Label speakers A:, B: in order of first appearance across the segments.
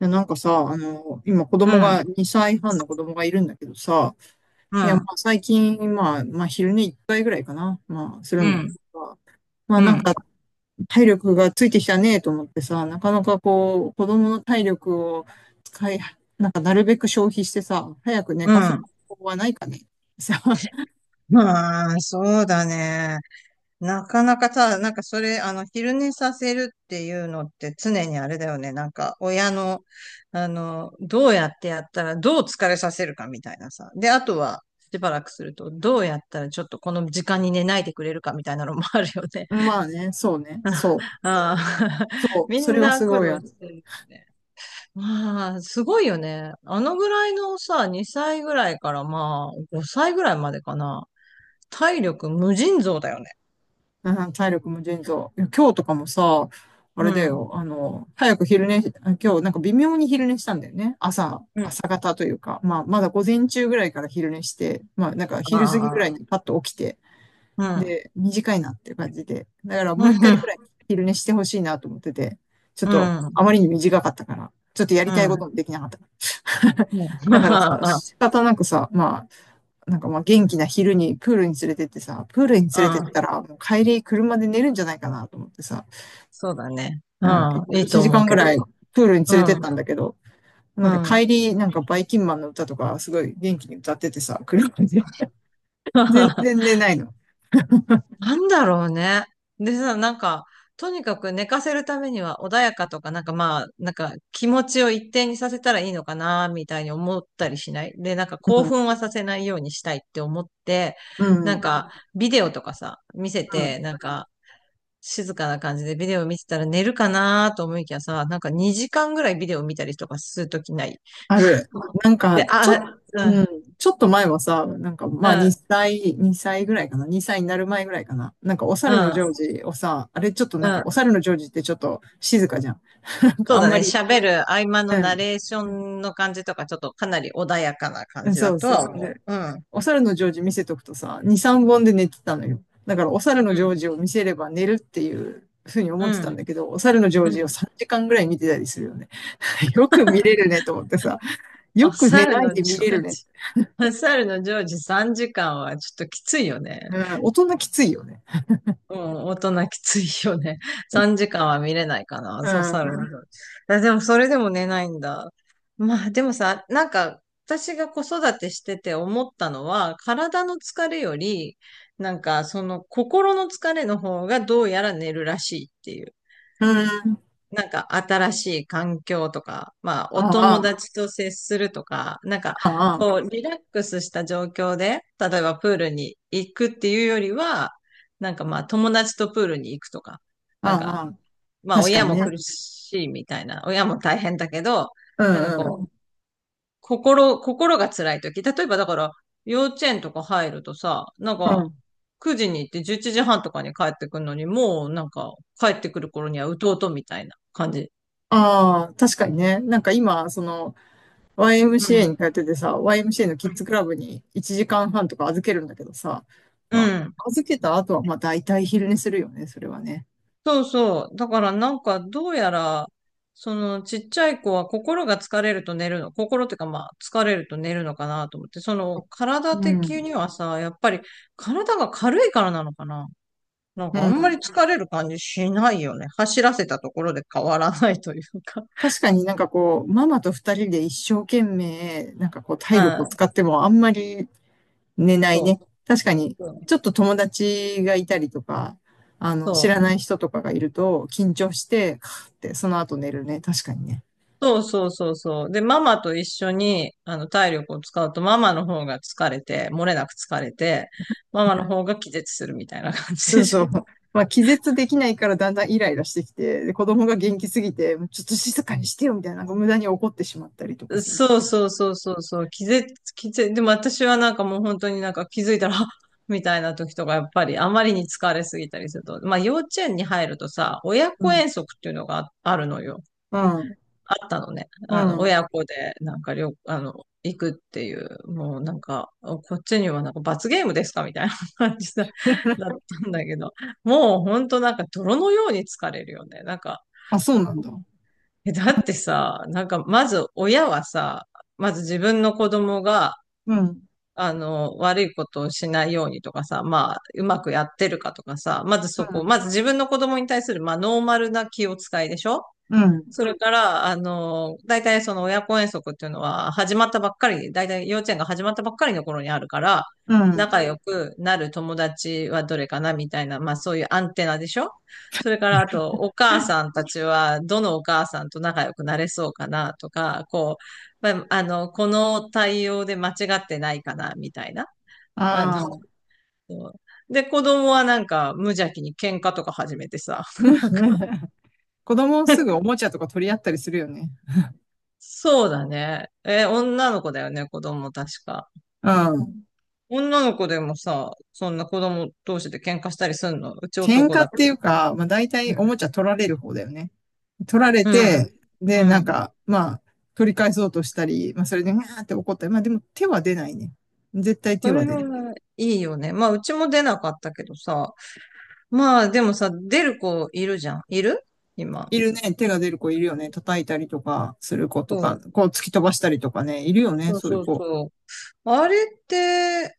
A: いやなんかさ、あの、今子
B: う
A: 供
B: ん、
A: が、2歳半の子供がいるんだけどさ、
B: う
A: いや、
B: ん、
A: 最近、昼寝1回ぐらいかな、まあする
B: う
A: んだけ
B: ん、
A: どさ、まあ
B: う
A: なん
B: ん。
A: か体力がついてきたねと思ってさ、なかなか子供の体力を使い、なんかなるべく消費してさ、早く寝
B: う
A: かす
B: ん。
A: 方法はないかね。さ、
B: まあ、そうだね。なかなかさ、なんかそれ、昼寝させるっていうのって常にあれだよね。なんか、親の、どうやってやったら、どう疲れさせるかみたいなさ。で、あとは、しばらくすると、どうやったらちょっとこの時間に寝ないでくれるかみたいなのもあるよね。
A: まあね、そうね、
B: ああ、
A: そう、
B: み
A: そ
B: ん
A: れは
B: な
A: す
B: 苦
A: ごい
B: 労
A: ある。
B: してるね。まあ、すごいよね。あのぐらいのさ、2歳ぐらいからまあ、5歳ぐらいまでかな。体力無尽蔵だよね。
A: うん、体力も腎臓。いや今日とかもさ、あ
B: う
A: れだ
B: ん。
A: よ、早く昼寝し、あ今日なんか微妙に昼寝したんだよね。
B: うん。
A: 朝方というか、まあ、まだ午前中ぐらいから昼寝して、まあ、なんか
B: あ
A: 昼過ぎぐらい
B: あ、
A: にパッと起きて、
B: うん。
A: で、短いなっていう感じで。だからも
B: う
A: う一回ぐ
B: ん。
A: らい昼寝してほしいなと思ってて、ちょっ
B: う
A: と
B: ん。
A: あまりに短かったから、ちょっとや
B: う
A: りたい
B: ん。う
A: こと
B: ん。
A: もできなかった。
B: ま
A: だからさ、
B: あ、
A: 仕方なくさ、まあ、元気な昼にプールに連れてってさ、プールに
B: う
A: 連れてっ
B: ん。
A: たらもう帰り車で寝るんじゃないかなと思ってさ、
B: そうだね。う
A: うん、
B: ん。いい
A: 1
B: と思
A: 時
B: う
A: 間ぐ
B: けど。
A: らいプールに
B: う
A: 連れてっ
B: ん。
A: たんだけど、な
B: う
A: んか
B: ん。
A: 帰り、なんかバイキンマンの歌とかすごい元気に歌っててさ、車で 全然 寝ないの。
B: なんだろうね。でさ、なんか、とにかく寝かせるためには穏やかとか、なんかまあ、なんか気持ちを一定にさせたらいいのかな、みたいに思ったりしない？で、なんか
A: う
B: 興
A: ん、
B: 奮はさせないようにしたいって思って、
A: う
B: なん
A: ん、
B: かビデオとかさ、見せ
A: う
B: て、
A: ん。
B: なんか静かな感じでビデオ見てたら寝るかなと思いきやさ、なんか2時間ぐらいビデオ見たりとかするときない？
A: ある。なんか
B: で、
A: ちょっと、
B: あ、
A: うん、ちょっと前はさ、
B: うん、うん、
A: 2歳ぐらいかな、2歳になる前ぐらいかな。なんかお
B: う
A: 猿のジョー
B: ん、
A: ジをさ、あれちょっとな
B: う
A: んか
B: ん。
A: お猿のジョージってちょっと静かじゃん。なんか
B: そ
A: あ
B: う
A: ん
B: だ
A: ま
B: ね。
A: り
B: 喋る合間の
A: う
B: ナ
A: ん。
B: レーションの感じとか、ちょっとかなり穏やかな
A: う
B: 感
A: ん
B: じだ
A: そう
B: とは
A: そう。
B: 思
A: で、
B: う。うん。
A: お猿のジョージ見せとくとさ、2、3本で寝てたのよ。だからお猿の
B: う
A: ジョー
B: ん。
A: ジを見せれば寝るっていうふうに思っ
B: う
A: てたん
B: ん。
A: だけど、お猿のジョー
B: う
A: ジを
B: ん。
A: 3時間ぐらい見てたりするよね。よく見れるねと思ってさ、よ
B: お
A: く寝
B: 猿
A: ない
B: の
A: で見
B: ジョ
A: れ
B: ー
A: るね。
B: ジ、お猿のジョージ3時間はちょっときついよね。
A: うん、大人きついよね。
B: うん、大人きついよね。3時間は見れないかな。
A: う
B: そうさる
A: ん。
B: 部あでも、それでも寝ないんだ。まあ、でもさ、なんか、私が子育てしてて思ったのは、体の疲れより、なんか、その心の疲れの方がどうやら寝るらしいってい
A: うん。
B: なんか新しい環境とか、まあお
A: あ
B: 友
A: あ、
B: 達と接するとか、なんか
A: ああ、
B: こうリラックスした状況で、例えばプールに行くっていうよりは、なんかまあ友達とプールに行くとか、なん
A: ああ、
B: か
A: ああ
B: まあ
A: 確か
B: 親
A: に
B: も
A: ね。
B: 苦しいみたいな、親も大変だけど、
A: う
B: なんか
A: んう
B: こう、
A: ん。
B: 心が辛い時、例えばだから幼稚園とか入るとさ、なん
A: う
B: か
A: ん。
B: 9時に行って11時半とかに帰ってくるのに、もうなんか帰ってくる頃にはうとうとみたいな感じ
A: ああ、確かにね。なんか今、
B: う
A: YMCA に
B: ん。
A: 通っててさ、YMCA のキ
B: う
A: ッ
B: ん。
A: ズクラブに1時間半とか預けるんだけどさ、まあ、預けた後はまあ大体昼寝するよね、それはね。
B: そうそう。だからなんかどうやら、そのちっちゃい子は心が疲れると寝るの。心っていうかまあ疲れると寝るのかなと思って。その
A: う
B: 体的
A: ん。
B: にはさ、やっぱり体が軽いからなのかな。なん
A: う
B: かあんまり
A: ん。
B: 疲れる感じしないよね。走らせたところで変わらないというか。
A: 確かにママと二人で一生懸命、体
B: う
A: 力を
B: ん。
A: 使ってもあんまり寝ない
B: そ
A: ね。
B: う。
A: 確かに、ちょっと友達がいたりとか、あの、知
B: そ
A: ら
B: う。
A: ない人とかがいると緊張して、カーってその後寝るね。確かにね。
B: そうそうそうそう。で、ママと一緒に、体力を使うと、ママの方が疲れて、漏れなく疲れて、ママの方が気絶するみたいな感 じ
A: そ
B: で
A: う
B: し
A: そう。
B: ょ。
A: まあ、気絶できないからだんだんイライラしてきて、で子供が元気すぎて、ちょっと静かにしてよみたいな、なんか無駄に怒ってしまったりとか するっ
B: そう
A: てう。
B: そうそうそうそう。気絶、でも私はなんかもう本当になんか気づいたら、あみたいな時とか、やっぱりあまりに疲れすぎたりすると、まあ幼稚園に入るとさ、親
A: う
B: 子
A: ん。
B: 遠足っていうのがあるのよ。
A: うん。
B: あったのね。
A: うん。
B: 親子で、なんか、旅、あの、行くっていう、もうなんか、こっちにはなんか罰ゲームですかみたいな感じだったんだけど、もうほんとなんか泥のように疲れるよね。なんか、
A: あ、そうなんだ。
B: だってさ、なんか、まず親はさ、まず自分の子供が、
A: うん。
B: 悪いことをしないようにとかさ、まあ、うまくやってるかとかさ、まずそ
A: う
B: こ、ま
A: ん。
B: ず自分の子供に対する、まあ、ノーマルな気を使いでしょ？
A: うん。
B: それから、大体その親子遠足っていうのは始まったばっかり、大体幼稚園が始まったばっかりの頃にあるから、
A: うん。
B: 仲良くなる友達はどれかなみたいな、まあそういうアンテナでしょ？それからあと、お母さんたちは、どのお母さんと仲良くなれそうかなとか、こう、まあ、この対応で間違ってないかなみたいな。あの、
A: ああ。
B: そうで、子供はなんか無邪気に喧嘩とか始めてさ、
A: 子供すぐおもちゃとか取り合ったりするよね。
B: そうだね。え、女の子だよね、子供確か。
A: うん。
B: 女の子でもさ、そんな子供同士で喧嘩したりすんのうち
A: 喧
B: 男
A: 嘩
B: だ
A: っ
B: け
A: てい
B: ど。
A: うか、まあ、大
B: う
A: 体
B: ん。
A: おもちゃ取られる方だよね。取られ
B: うん。
A: て、で、
B: う
A: なん
B: ん
A: か、まあ、取り返そうとしたり、まあ、それで、うわーって怒ったり、まあ、でも手は出ないね。絶対手
B: そ
A: は
B: れ
A: 出ない。
B: はいいよね。まあ、うちも出なかったけどさ。まあ、でもさ、出る子いるじゃん。いる今。
A: いるね。手が出る子いるよね。叩いたりとかする子と
B: そ
A: か、
B: う。
A: こう突き飛ばしたりとかね、いるよね。
B: そう
A: そういう
B: そう
A: 子。
B: そう。あれって、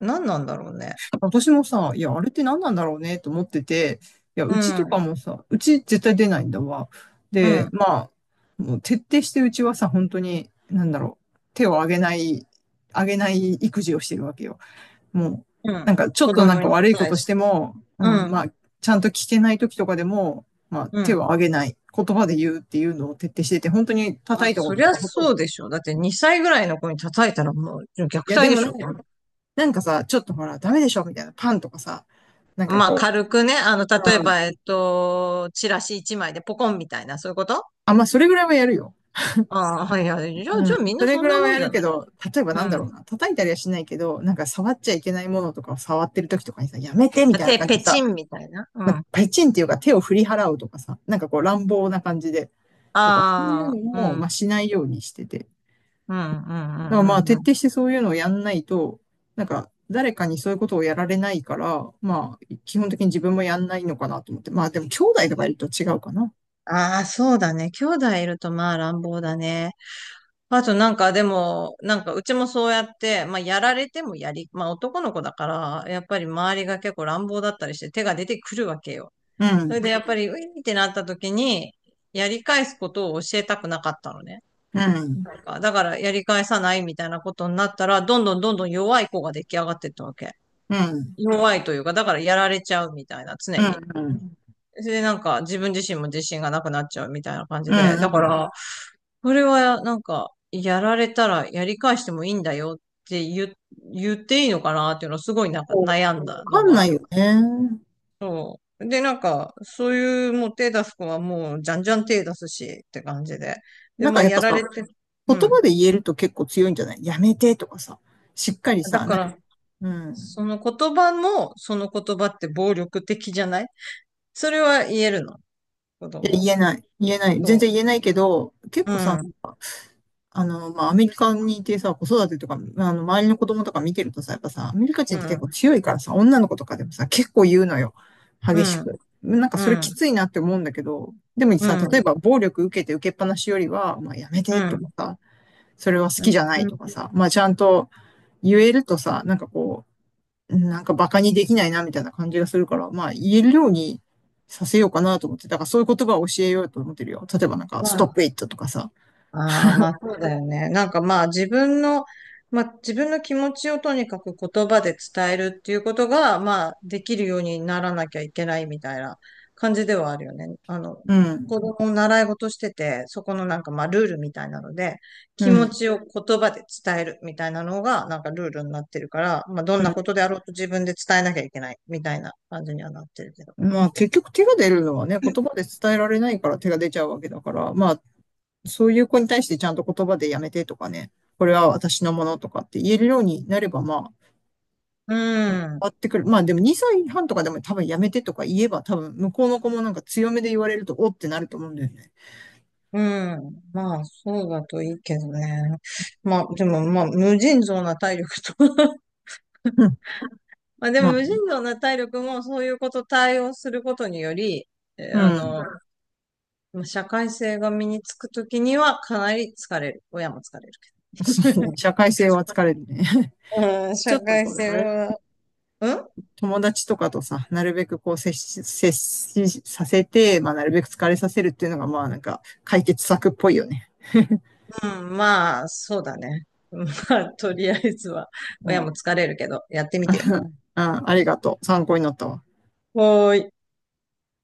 B: 何なんだろうね。
A: 私もさ、いや、あれって何なんだろうねと思ってて、いや、
B: う
A: うちとか
B: ん。
A: もさ、うち絶対出ないんだわ。
B: う
A: で、
B: ん。
A: まあ、もう徹底してうちはさ、本当に、なんだろう、手を上げない、上げない育児をしてるわけよ。もう、
B: うん。
A: なんかちょ
B: 子
A: っとなん
B: 供
A: か
B: に
A: 悪いこ
B: 対
A: とし
B: して。
A: ても、う
B: う
A: ん、
B: ん。
A: まあ、ちゃんと聞けない時とかでも、まあ、
B: う
A: 手を
B: ん。
A: 上げない。言葉で言うっていうのを徹底してて、本当に
B: あ、
A: 叩いたこ
B: そ
A: と
B: り
A: と
B: ゃ
A: かほとんど
B: そうでしょ。だって2歳ぐらいの子に叩いたらもう虐
A: いや、
B: 待
A: で
B: で
A: も
B: し
A: な
B: ょ。
A: んか、なんかさ、ちょっとほら、ダメでしょみたいな、パンとかさ、なんか
B: まあ
A: こ
B: 軽くね、例え
A: う、う
B: ば、
A: ん、
B: チラシ1枚でポコンみたいな、そういうこと
A: あ、まあ、それぐらいはやるよ。
B: ああ、いや、じゃあ、
A: う
B: じゃあ
A: ん、
B: みん
A: そ
B: な
A: れ
B: そ
A: ぐ
B: ん
A: ら
B: な
A: いは
B: もん
A: や
B: じ
A: る
B: ゃ
A: け
B: ない？
A: ど、例えば
B: う
A: なんだ
B: ん。
A: ろうな、叩いたりはしないけど、なんか触っちゃいけないものとかを触ってる時とかにさ、やめてみ
B: あ、
A: たいな感じで
B: ペチ
A: さ、
B: ンみたいな。う
A: なんか
B: ん。
A: ペチンっていうか手を振り払うとかさ、乱暴な感じで、とか、そういう
B: ああ、
A: の
B: う
A: も、
B: ん。う
A: まあ、
B: ん、
A: しないようにしてて。
B: うん、うん、
A: だからまあ
B: うん、
A: 徹
B: うん。
A: 底してそういうのをやんないと、なんか誰かにそういうことをやられないから、まあ基本的に自分もやんないのかなと思って。まあでも兄弟とかいると違うかな。
B: ああ、そうだね。兄弟いるとまあ乱暴だね。あとなんかでも、なんかうちもそうやって、まあやられてもまあ男の子だから、やっぱり周りが結構乱暴だったりして手が出てくるわけよ。
A: う
B: それで
A: ん、
B: やっぱり、ういってなった時に、やり返すことを教えたくなかったのね。
A: うん、
B: なんか、だからやり返さないみたいなことになったら、どんどんどんどん弱い子が出来上がってったわけ。
A: うん、うん、
B: 弱いというか、だからやられちゃうみたいな、常
A: う
B: に。
A: ん、
B: それでなんか自分自身も自信がなくなっちゃうみたいな感
A: う
B: じで。
A: ん。う
B: だか
A: ん
B: ら、それは、なんか、やられたらやり返してもいいんだよって言っていいのかなっていうのはすごいなんか
A: そうわ
B: 悩んだ
A: か
B: の
A: ん
B: が
A: な
B: あ
A: い
B: る。
A: よね。
B: そう。で、なんか、そういうもう手出す子はもうじゃんじゃん手出すしって感じで。で、
A: なん
B: ま
A: か
B: あ、
A: やっ
B: や
A: ぱ
B: ら
A: さ、
B: れて、う
A: 言
B: ん。
A: 葉で言えると結構強いんじゃないやめてとかさ、しっかり
B: だ
A: さ、な
B: か
A: んか、
B: ら、
A: うん。
B: その言葉も、その言葉って暴力的じゃない？それは言えるの、子
A: い
B: 供。
A: や、言えない。言えない。
B: そ
A: 全
B: う。
A: 然言えないけど、結
B: う
A: 構さ、
B: ん、
A: あの、まあ、アメリカにいてさ、子育てとか、まあの、周りの子供とか見てるとさ、やっぱさ、アメリカ
B: う
A: 人って結構
B: ん、
A: 強いからさ、女の子とかでもさ、結構言うのよ。
B: う
A: 激し
B: ん、
A: く。なんか
B: う
A: それき
B: ん、
A: ついなって思うんだけど、でも
B: う
A: さ、例え
B: ん、
A: ば暴力受けて受けっぱなしよりは、まあ、やめ
B: う
A: てとか
B: ん。
A: さ、それは好きじゃな
B: う
A: い
B: ん
A: とかさ、まあ、ちゃんと言えるとさ、なんか馬鹿にできないなみたいな感じがするから、まあ、言えるようにさせようかなと思って、だからそういう言葉を教えようと思ってるよ。例えばなんか、ストップイットとかさ、
B: ああ、まあそうだよね。なんかまあ自分の気持ちをとにかく言葉で伝えるっていうことが、まあできるようにならなきゃいけないみたいな感じではあるよね。
A: う
B: 子
A: ん、
B: 供を習い事してて、そこのなんかまあルールみたいなので、
A: う
B: 気持
A: ん。
B: ちを言葉で伝えるみたいなのがなんかルールになってるから、まあど
A: う
B: んなこ
A: ん
B: とであろうと自分で伝えなきゃいけないみたいな感じにはなってるけど。
A: まあ結局手が出るのはね、言葉で伝えられないから手が出ちゃうわけだから、まあそういう子に対してちゃんと言葉でやめてとかね、これは私のものとかって言えるようになればま
B: う
A: あ、
B: ん。
A: あってくる。まあでも2歳半とかでも多分やめてとか言えば多分向こうの子もなんか強めで言われるとおってなると思うんだよね。
B: うん。まあ、そうだといいけどね。まあ、でも、まあ、無尽蔵な体力と
A: うん。
B: まあ、でも、
A: まあ、
B: 無尽蔵な体力も、そういうこと対応することにより、え
A: う
B: あ
A: ん。
B: の、まあ社会性が身につくときには、かなり疲れる。親も疲れる
A: そうね
B: け
A: 社会性は疲れるね。
B: ど。うん、
A: ちょ
B: 社
A: っと
B: 会
A: これ、
B: 性
A: あれだ、
B: は、うん
A: 友達とかとさ、なるべくこう接し、接しさせて、まあなるべく疲れさせるっていうのがまあなんか解決策っぽいよね。
B: うん、まあ、そうだね。まあ、とりあえずは、
A: う
B: 親も
A: ん。
B: 疲れるけど、やってみてよ。
A: うん、ありがとう。参考になったわ。
B: はーい。